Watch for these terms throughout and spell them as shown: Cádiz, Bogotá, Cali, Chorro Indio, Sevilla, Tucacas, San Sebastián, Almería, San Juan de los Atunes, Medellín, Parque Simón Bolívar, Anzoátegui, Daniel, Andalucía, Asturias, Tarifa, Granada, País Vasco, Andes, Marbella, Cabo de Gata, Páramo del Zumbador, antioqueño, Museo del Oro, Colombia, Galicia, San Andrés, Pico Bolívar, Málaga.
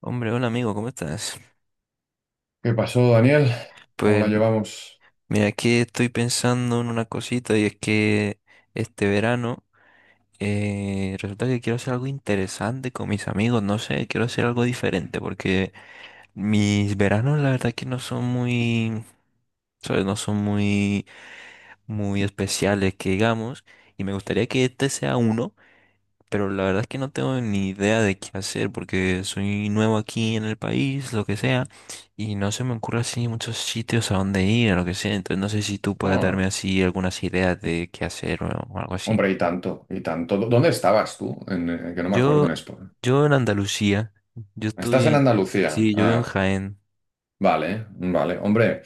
Hombre, hola amigo, ¿cómo estás? ¿Qué pasó, Daniel? ¿Cómo Pues la llevamos? mira, aquí estoy pensando en una cosita y es que este verano resulta que quiero hacer algo interesante con mis amigos, no sé, quiero hacer algo diferente porque mis veranos la verdad que no son muy, ¿sabes? No son muy, muy especiales que digamos y me gustaría que este sea uno. Pero la verdad es que no tengo ni idea de qué hacer porque soy nuevo aquí en el país, lo que sea, y no se me ocurre así muchos sitios a dónde ir, o lo que sea. Entonces no sé si tú puedes darme Ah, así algunas ideas de qué hacer o algo así. hombre, y tanto, y tanto. ¿Dónde estabas tú? En, que no me acuerdo en Yo, esto. yo en Andalucía, yo Estás en estudié. Andalucía. Sí, yo vivo en Ah, Jaén. vale, vale. Hombre,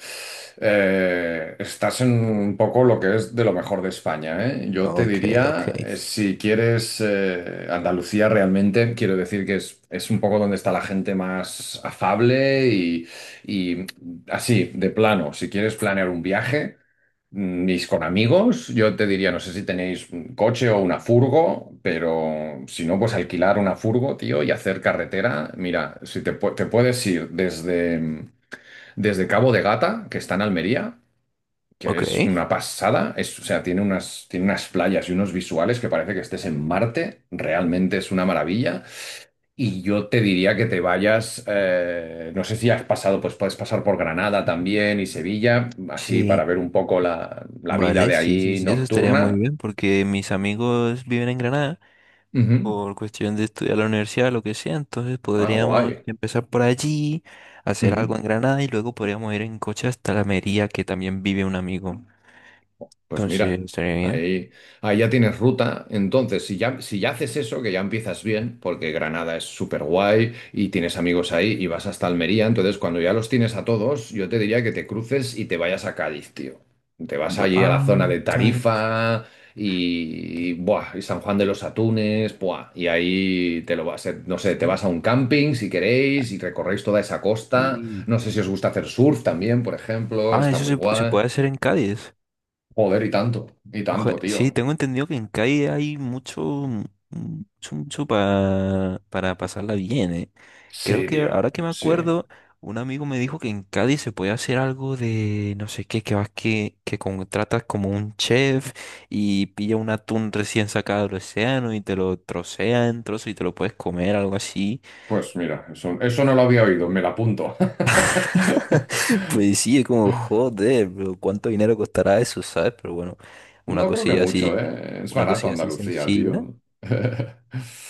estás en un poco lo que es de lo mejor de España, ¿eh? Yo te Ok, ok. diría, si quieres, Andalucía realmente, quiero decir que es un poco donde está la gente más afable y así, de plano, si quieres planear un viaje, y con amigos, yo te diría, no sé si tenéis un coche o una furgo, pero si no, pues alquilar una furgo, tío, y hacer carretera. Mira, si te, pu- te puedes ir desde Cabo de Gata, que está en Almería, que Ok. es una pasada, es, o sea, tiene unas playas y unos visuales que parece que estés en Marte, realmente es una maravilla. Y yo te diría que te vayas, no sé si has pasado, pues puedes pasar por Granada también y Sevilla, así para Sí, ver un poco la vida vale, de sí, sí, ahí sí, eso estaría muy nocturna. bien porque mis amigos viven en Granada. Ujú. Por cuestión de estudiar la universidad, lo que sea, entonces Ah, podríamos guay. empezar por allí, hacer algo Ujú. en Granada y luego podríamos ir en coche hasta la Mería, que también vive un amigo. Pues Entonces, mira, estaría bien. ahí, ahí ya tienes ruta. Entonces, si ya haces eso, que ya empiezas bien, porque Granada es súper guay y tienes amigos ahí y vas hasta Almería, entonces cuando ya los tienes a todos, yo te diría que te cruces y te vayas a Cádiz, tío. Te vas allí a la zona de Bancas, Tarifa y, buah, y San Juan de los Atunes, buah, y ahí te lo vas, no sé, te sí. vas a un camping si queréis y recorréis toda esa costa. y- No sé si os gusta hacer surf también, por ejemplo, Ah, está eso muy se guay. puede hacer en Cádiz. Joder, y Ojo, tanto, sí, tío. tengo entendido que en Cádiz hay mucho, mucho, mucho para pasarla bien, ¿eh? Creo Sí, que ahora tío, que me sí. acuerdo, un amigo me dijo que en Cádiz se puede hacer algo de no sé qué, que vas que contratas como un chef y pilla un atún recién sacado del océano y te lo trocea en trozos y te lo puedes comer, algo así. Pues mira, eso no lo había oído, me la apunto. Pues sí, es como, joder, pero ¿cuánto dinero costará eso, sabes? Pero bueno, una No creo que cosilla mucho, así, ¿eh? Es una barato cosilla así Andalucía, sencilla. tío.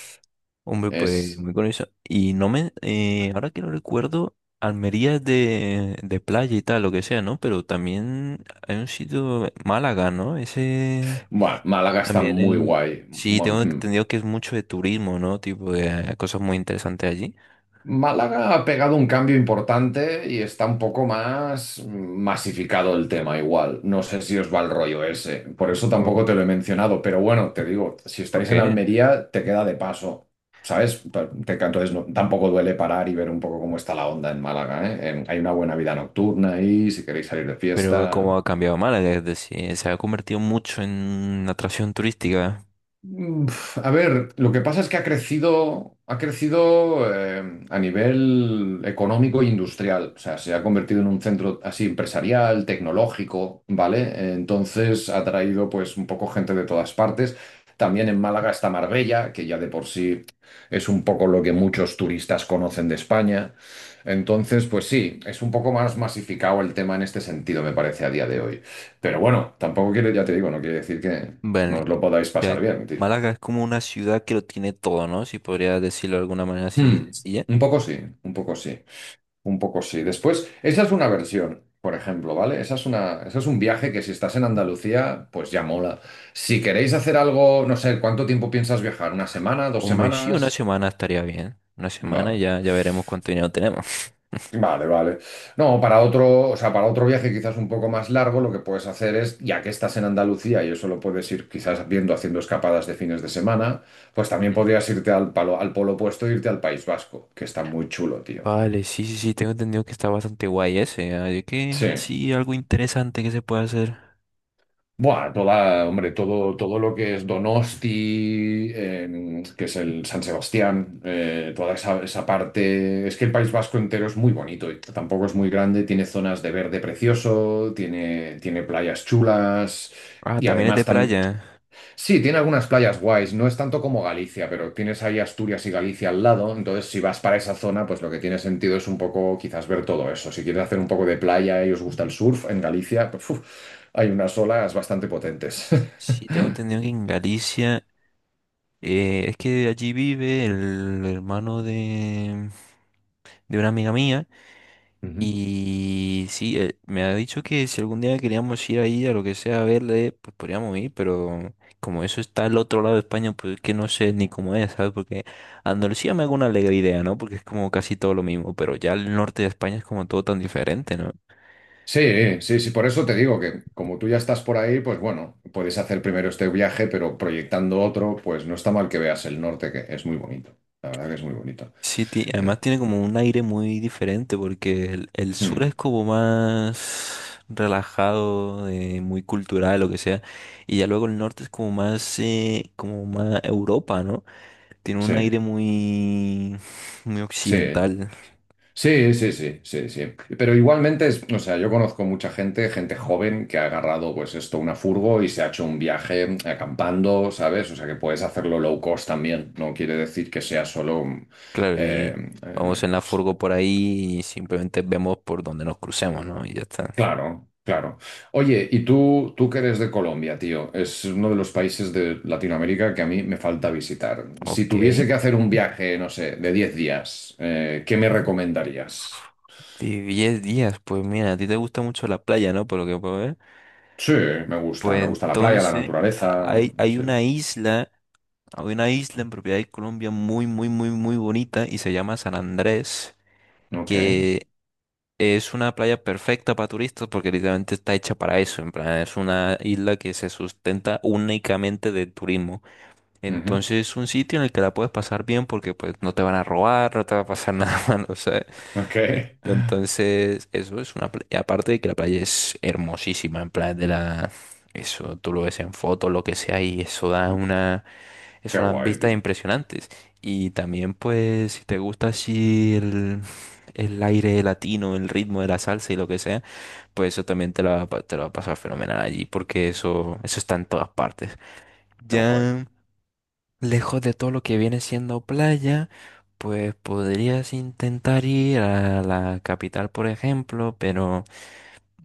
Hombre, pues Es... muy curioso. Y no me, ahora que lo recuerdo, Almería es de playa y tal, lo que sea, ¿no? Pero también hay un sitio, Málaga, ¿no? Ese Bueno, Málaga está también muy guay. sí, tengo entendido que es mucho de turismo, ¿no? Tipo, de, hay cosas muy interesantes allí. Málaga ha pegado un cambio importante y está un poco más masificado el tema igual. No sé si os va el rollo ese, por eso ¿Por, tampoco te lo he mencionado, pero bueno, te digo, si por estáis en qué? Almería, te queda de paso, ¿sabes? Entonces tampoco duele parar y ver un poco cómo está la onda en Málaga, ¿eh? Hay una buena vida nocturna ahí, si queréis salir de Pero como fiesta. ha cambiado Málaga, es decir, se ha convertido mucho en una atracción turística. Uf, a ver, lo que pasa es que ha crecido a nivel económico e industrial. O sea, se ha convertido en un centro así empresarial, tecnológico, ¿vale? Entonces ha traído pues un poco gente de todas partes. También en Málaga está Marbella, que ya de por sí es un poco lo que muchos turistas conocen de España. Entonces, pues sí, es un poco más masificado el tema en este sentido, me parece, a día de hoy. Pero bueno, tampoco quiere, ya te digo, no quiere decir que Bueno, no o os lo podáis pasar sea, bien, tío. Málaga es como una ciudad que lo tiene todo, ¿no? Si podría decirlo de alguna manera así Hmm, sencilla. Un poco sí, un poco sí, un poco sí. Después, esa es una versión, por ejemplo, ¿vale? Esa es un viaje que si estás en Andalucía, pues ya mola. Si queréis hacer algo, no sé, ¿cuánto tiempo piensas viajar? ¿Una semana? ¿Dos Hombre, sí, una semanas? semana estaría bien. Una semana Vale. ya, ya veremos cuánto dinero tenemos. Vale, vale. No, para otro, o sea, para otro viaje quizás un poco más largo, lo que puedes hacer es, ya que estás en Andalucía y eso lo puedes ir quizás viendo haciendo escapadas de fines de semana, pues también Ujú. podrías irte al polo opuesto e irte al País Vasco, que está muy chulo, tío. Vale, sí, sí, sí, tengo entendido que está bastante guay ese. Ah, ¿De Sí. Así, algo interesante que se puede hacer. Buah, toda, hombre, todo lo que es Donosti, que es el San Sebastián, toda esa parte. Es que el País Vasco entero es muy bonito, y tampoco es muy grande, tiene zonas de verde precioso, tiene playas chulas Ah, y también es de además también. playa. Sí, tiene algunas playas guays, no es tanto como Galicia, pero tienes ahí Asturias y Galicia al lado, entonces si vas para esa zona, pues lo que tiene sentido es un poco quizás ver todo eso. Si quieres hacer un poco de playa y os gusta el surf en Galicia, pues, uf, hay unas olas bastante potentes. Sí, tengo entendido que en Galicia, es que allí vive el hermano de una amiga mía. Ujú. Y sí, me ha dicho que si algún día queríamos ir ahí a lo que sea a verle, pues podríamos ir, pero como eso está al otro lado de España, pues es que no sé ni cómo es, ¿sabes? Porque Andalucía me hago una alegre idea, ¿no? Porque es como casi todo lo mismo, pero ya el norte de España es como todo tan diferente, ¿no? Sí, sí, sí, por eso te digo que como tú ya estás por ahí, pues bueno, puedes hacer primero este viaje, pero proyectando otro, pues no está mal que veas el norte, que es muy bonito. La verdad que es muy bonito. Sí, Eh, además tiene como un aire muy diferente porque el sur mm, es como más relajado, de muy cultural, lo que sea, y ya luego el norte es como más Europa, ¿no? Tiene sí, un aire muy, muy sí. occidental, Sí, sí, sí, sí, sí. Pero igualmente, es, o sea, yo conozco mucha gente joven que ha agarrado, pues esto, una furgo y se ha hecho un viaje acampando, ¿sabes? O sea, que puedes hacerlo low cost también. No quiere decir que sea solo... claro, y eh, vamos eh, en la s- furgo por ahí y simplemente vemos por donde nos crucemos, ¿no? Y ya está. claro, claro. Oye, y tú que eres de Colombia, tío, es uno de los países de Latinoamérica que a mí me falta visitar. Si Ok. tuviese que hacer un viaje, no sé, de 10 días, ¿qué me recomendarías? De 10 días, pues mira, a ti te gusta mucho la playa, ¿no? Por lo que puedo ver. Sí, me gusta, Pues me gusta la playa, la entonces, naturaleza. hay Sí. una isla, hay una isla en propiedad de Colombia muy, muy, muy, muy bonita y se llama San Andrés, Ok. que es una playa perfecta para turistas porque literalmente está hecha para eso. En plan, es una isla que se sustenta únicamente del turismo. Ujú, Entonces es un sitio en el que la puedes pasar bien porque pues no te van a robar, no te va a pasar nada malo, ¿sabes? ok. Qué Entonces eso es una playa. Aparte de que la playa es hermosísima, en plan de la. Eso tú lo ves en fotos, lo que sea, y eso da una. Es unas guay, vistas tío. impresionantes. Y también, pues, si te gusta así el aire latino, el ritmo de la salsa y lo que sea, pues eso también te lo va a te lo va a pasar fenomenal allí, porque eso está en todas partes. Qué guay. Ya lejos de todo lo que viene siendo playa, pues podrías intentar ir a la capital, por ejemplo, pero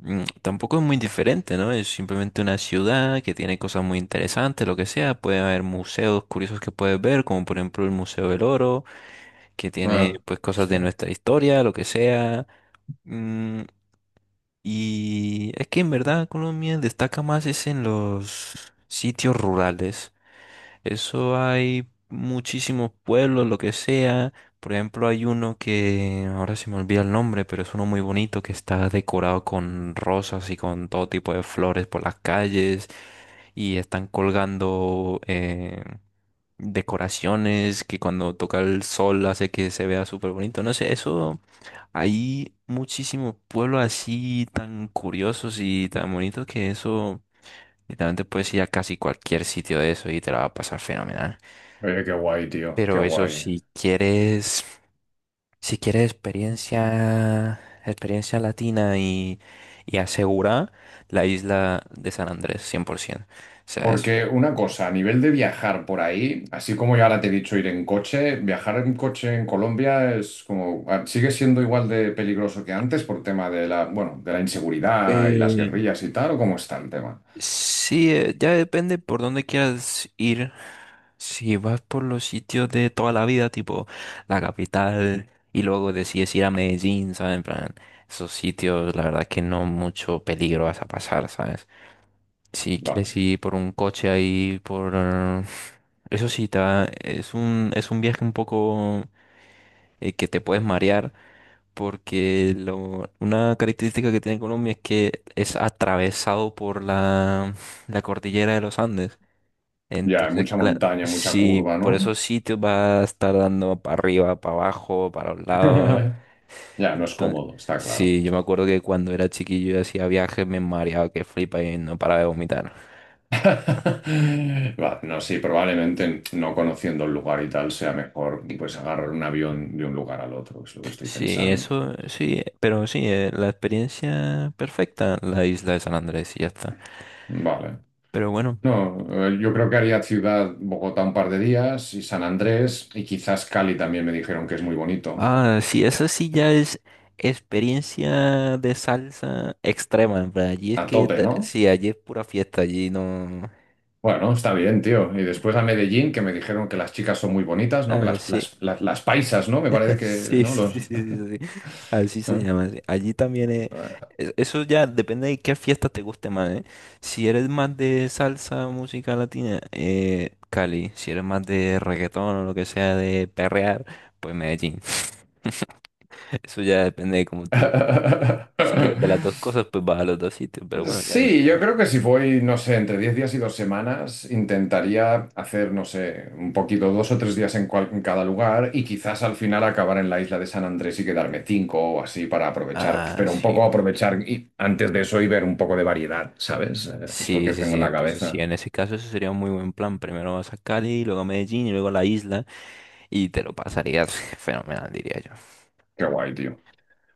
tampoco es muy diferente, ¿no? Es simplemente una ciudad que tiene cosas muy interesantes, lo que sea. Puede haber museos curiosos que puedes ver, como por ejemplo el Museo del Oro, que tiene Ah, pues cosas de hostia. nuestra historia, lo que sea. Mm, y es que en verdad Colombia destaca más es en los sitios rurales. Eso hay muchísimos pueblos, lo que sea. Por ejemplo, hay uno que ahora se me olvida el nombre, pero es uno muy bonito que está decorado con rosas y con todo tipo de flores por las calles y están colgando decoraciones que cuando toca el sol hace que se vea súper bonito. No sé, eso hay muchísimos pueblos así tan curiosos y tan bonitos que eso literalmente puedes ir a casi cualquier sitio de eso y te la va a pasar fenomenal. Oye, qué guay, tío. Qué Pero eso, guay. si quieres, si quieres experiencia, experiencia latina y asegura la isla de San Andrés, 100%. O sea, Porque una cosa, a nivel de viajar por ahí, así como yo ahora te he dicho ir en coche, viajar en coche en Colombia es como, ah, sigue siendo igual de peligroso que antes por tema de la, bueno, de la inseguridad y las eh, guerrillas y tal, ¿o cómo está el tema? sí, ya depende por dónde quieras ir. Si vas por los sitios de toda la vida, tipo la capital, y luego decides ir a Medellín, ¿sabes? En plan, esos sitios, la verdad que no mucho peligro vas a pasar, ¿sabes? Si Vale. quieres ir por un coche ahí. Eso sí, es un viaje un poco que te puedes marear, porque una característica que tiene Colombia es que es atravesado por la cordillera de los Andes. Ya, hay Entonces, mucha claro, montaña, mucha sí, curva, por ¿no? esos sitios va a estar dando para arriba, para abajo, para un lado. Ya, no es Entonces, cómodo, está claro. sí, yo me acuerdo que cuando era chiquillo y hacía viajes me mareaba que flipa y no paraba de vomitar. Va, no, sí, probablemente no conociendo el lugar y tal sea mejor pues agarrar un avión de un lugar al otro, es lo que estoy Sí, pensando. eso, sí, pero sí, la experiencia perfecta, la isla de San Andrés y ya está. Vale. Pero bueno, No, yo creo que haría ciudad Bogotá un par de días y San Andrés y quizás Cali también me dijeron que es muy bonito. ah, sí, esa sí ya es experiencia de salsa extrema, en plan, allí es A que, tope, ¿no? sí, allí es pura fiesta, allí no. Bueno, está bien, tío. Y después a Medellín, que me dijeron que las chicas son muy bonitas, ¿no? Que Ah, las, sí, las, las, las paisas, ¿no? Me parece que, sí, ¿no? sí, sí, Los... sí, sí, sí. Así se llama. Sí. Allí también eso ya depende de qué fiesta te guste más, ¿eh? Si eres más de salsa, música latina, Cali. Si eres más de reggaetón o lo que sea, de perrear, pues Medellín. Eso ya depende de cómo tú. Si quieres ver las dos cosas, pues vas a los dos sitios. Pero bueno, ya. La Sí, yo primera. creo que si voy, no sé, entre 10 días y 2 semanas, intentaría hacer, no sé, un poquito, 2 o 3 días en cada lugar y quizás al final acabar en la isla de San Andrés y quedarme cinco o así para aprovechar, Ah, pero un sí. poco aprovechar y antes de eso y ver un poco de variedad, ¿sabes? Es lo Sí, que sí, tengo en sí. la Entonces, sí, cabeza. en ese caso, eso sería un muy buen plan. Primero vas a Cali, luego a Medellín y luego a la isla. Y te lo pasarías fenomenal, diría yo. Qué guay, tío.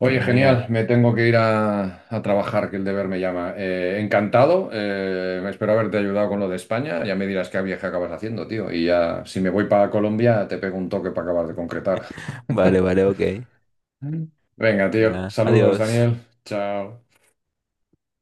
Pues Oye, mira, genial, me tengo que ir a trabajar, que el deber me llama. Encantado, espero haberte ayudado con lo de España. Ya me dirás qué viaje acabas haciendo, tío. Y ya, si me voy para Colombia, te pego un toque para acabar de concretar. vale, vale, ok. Venga, tío, Venga, saludos, adiós. Daniel. Chao.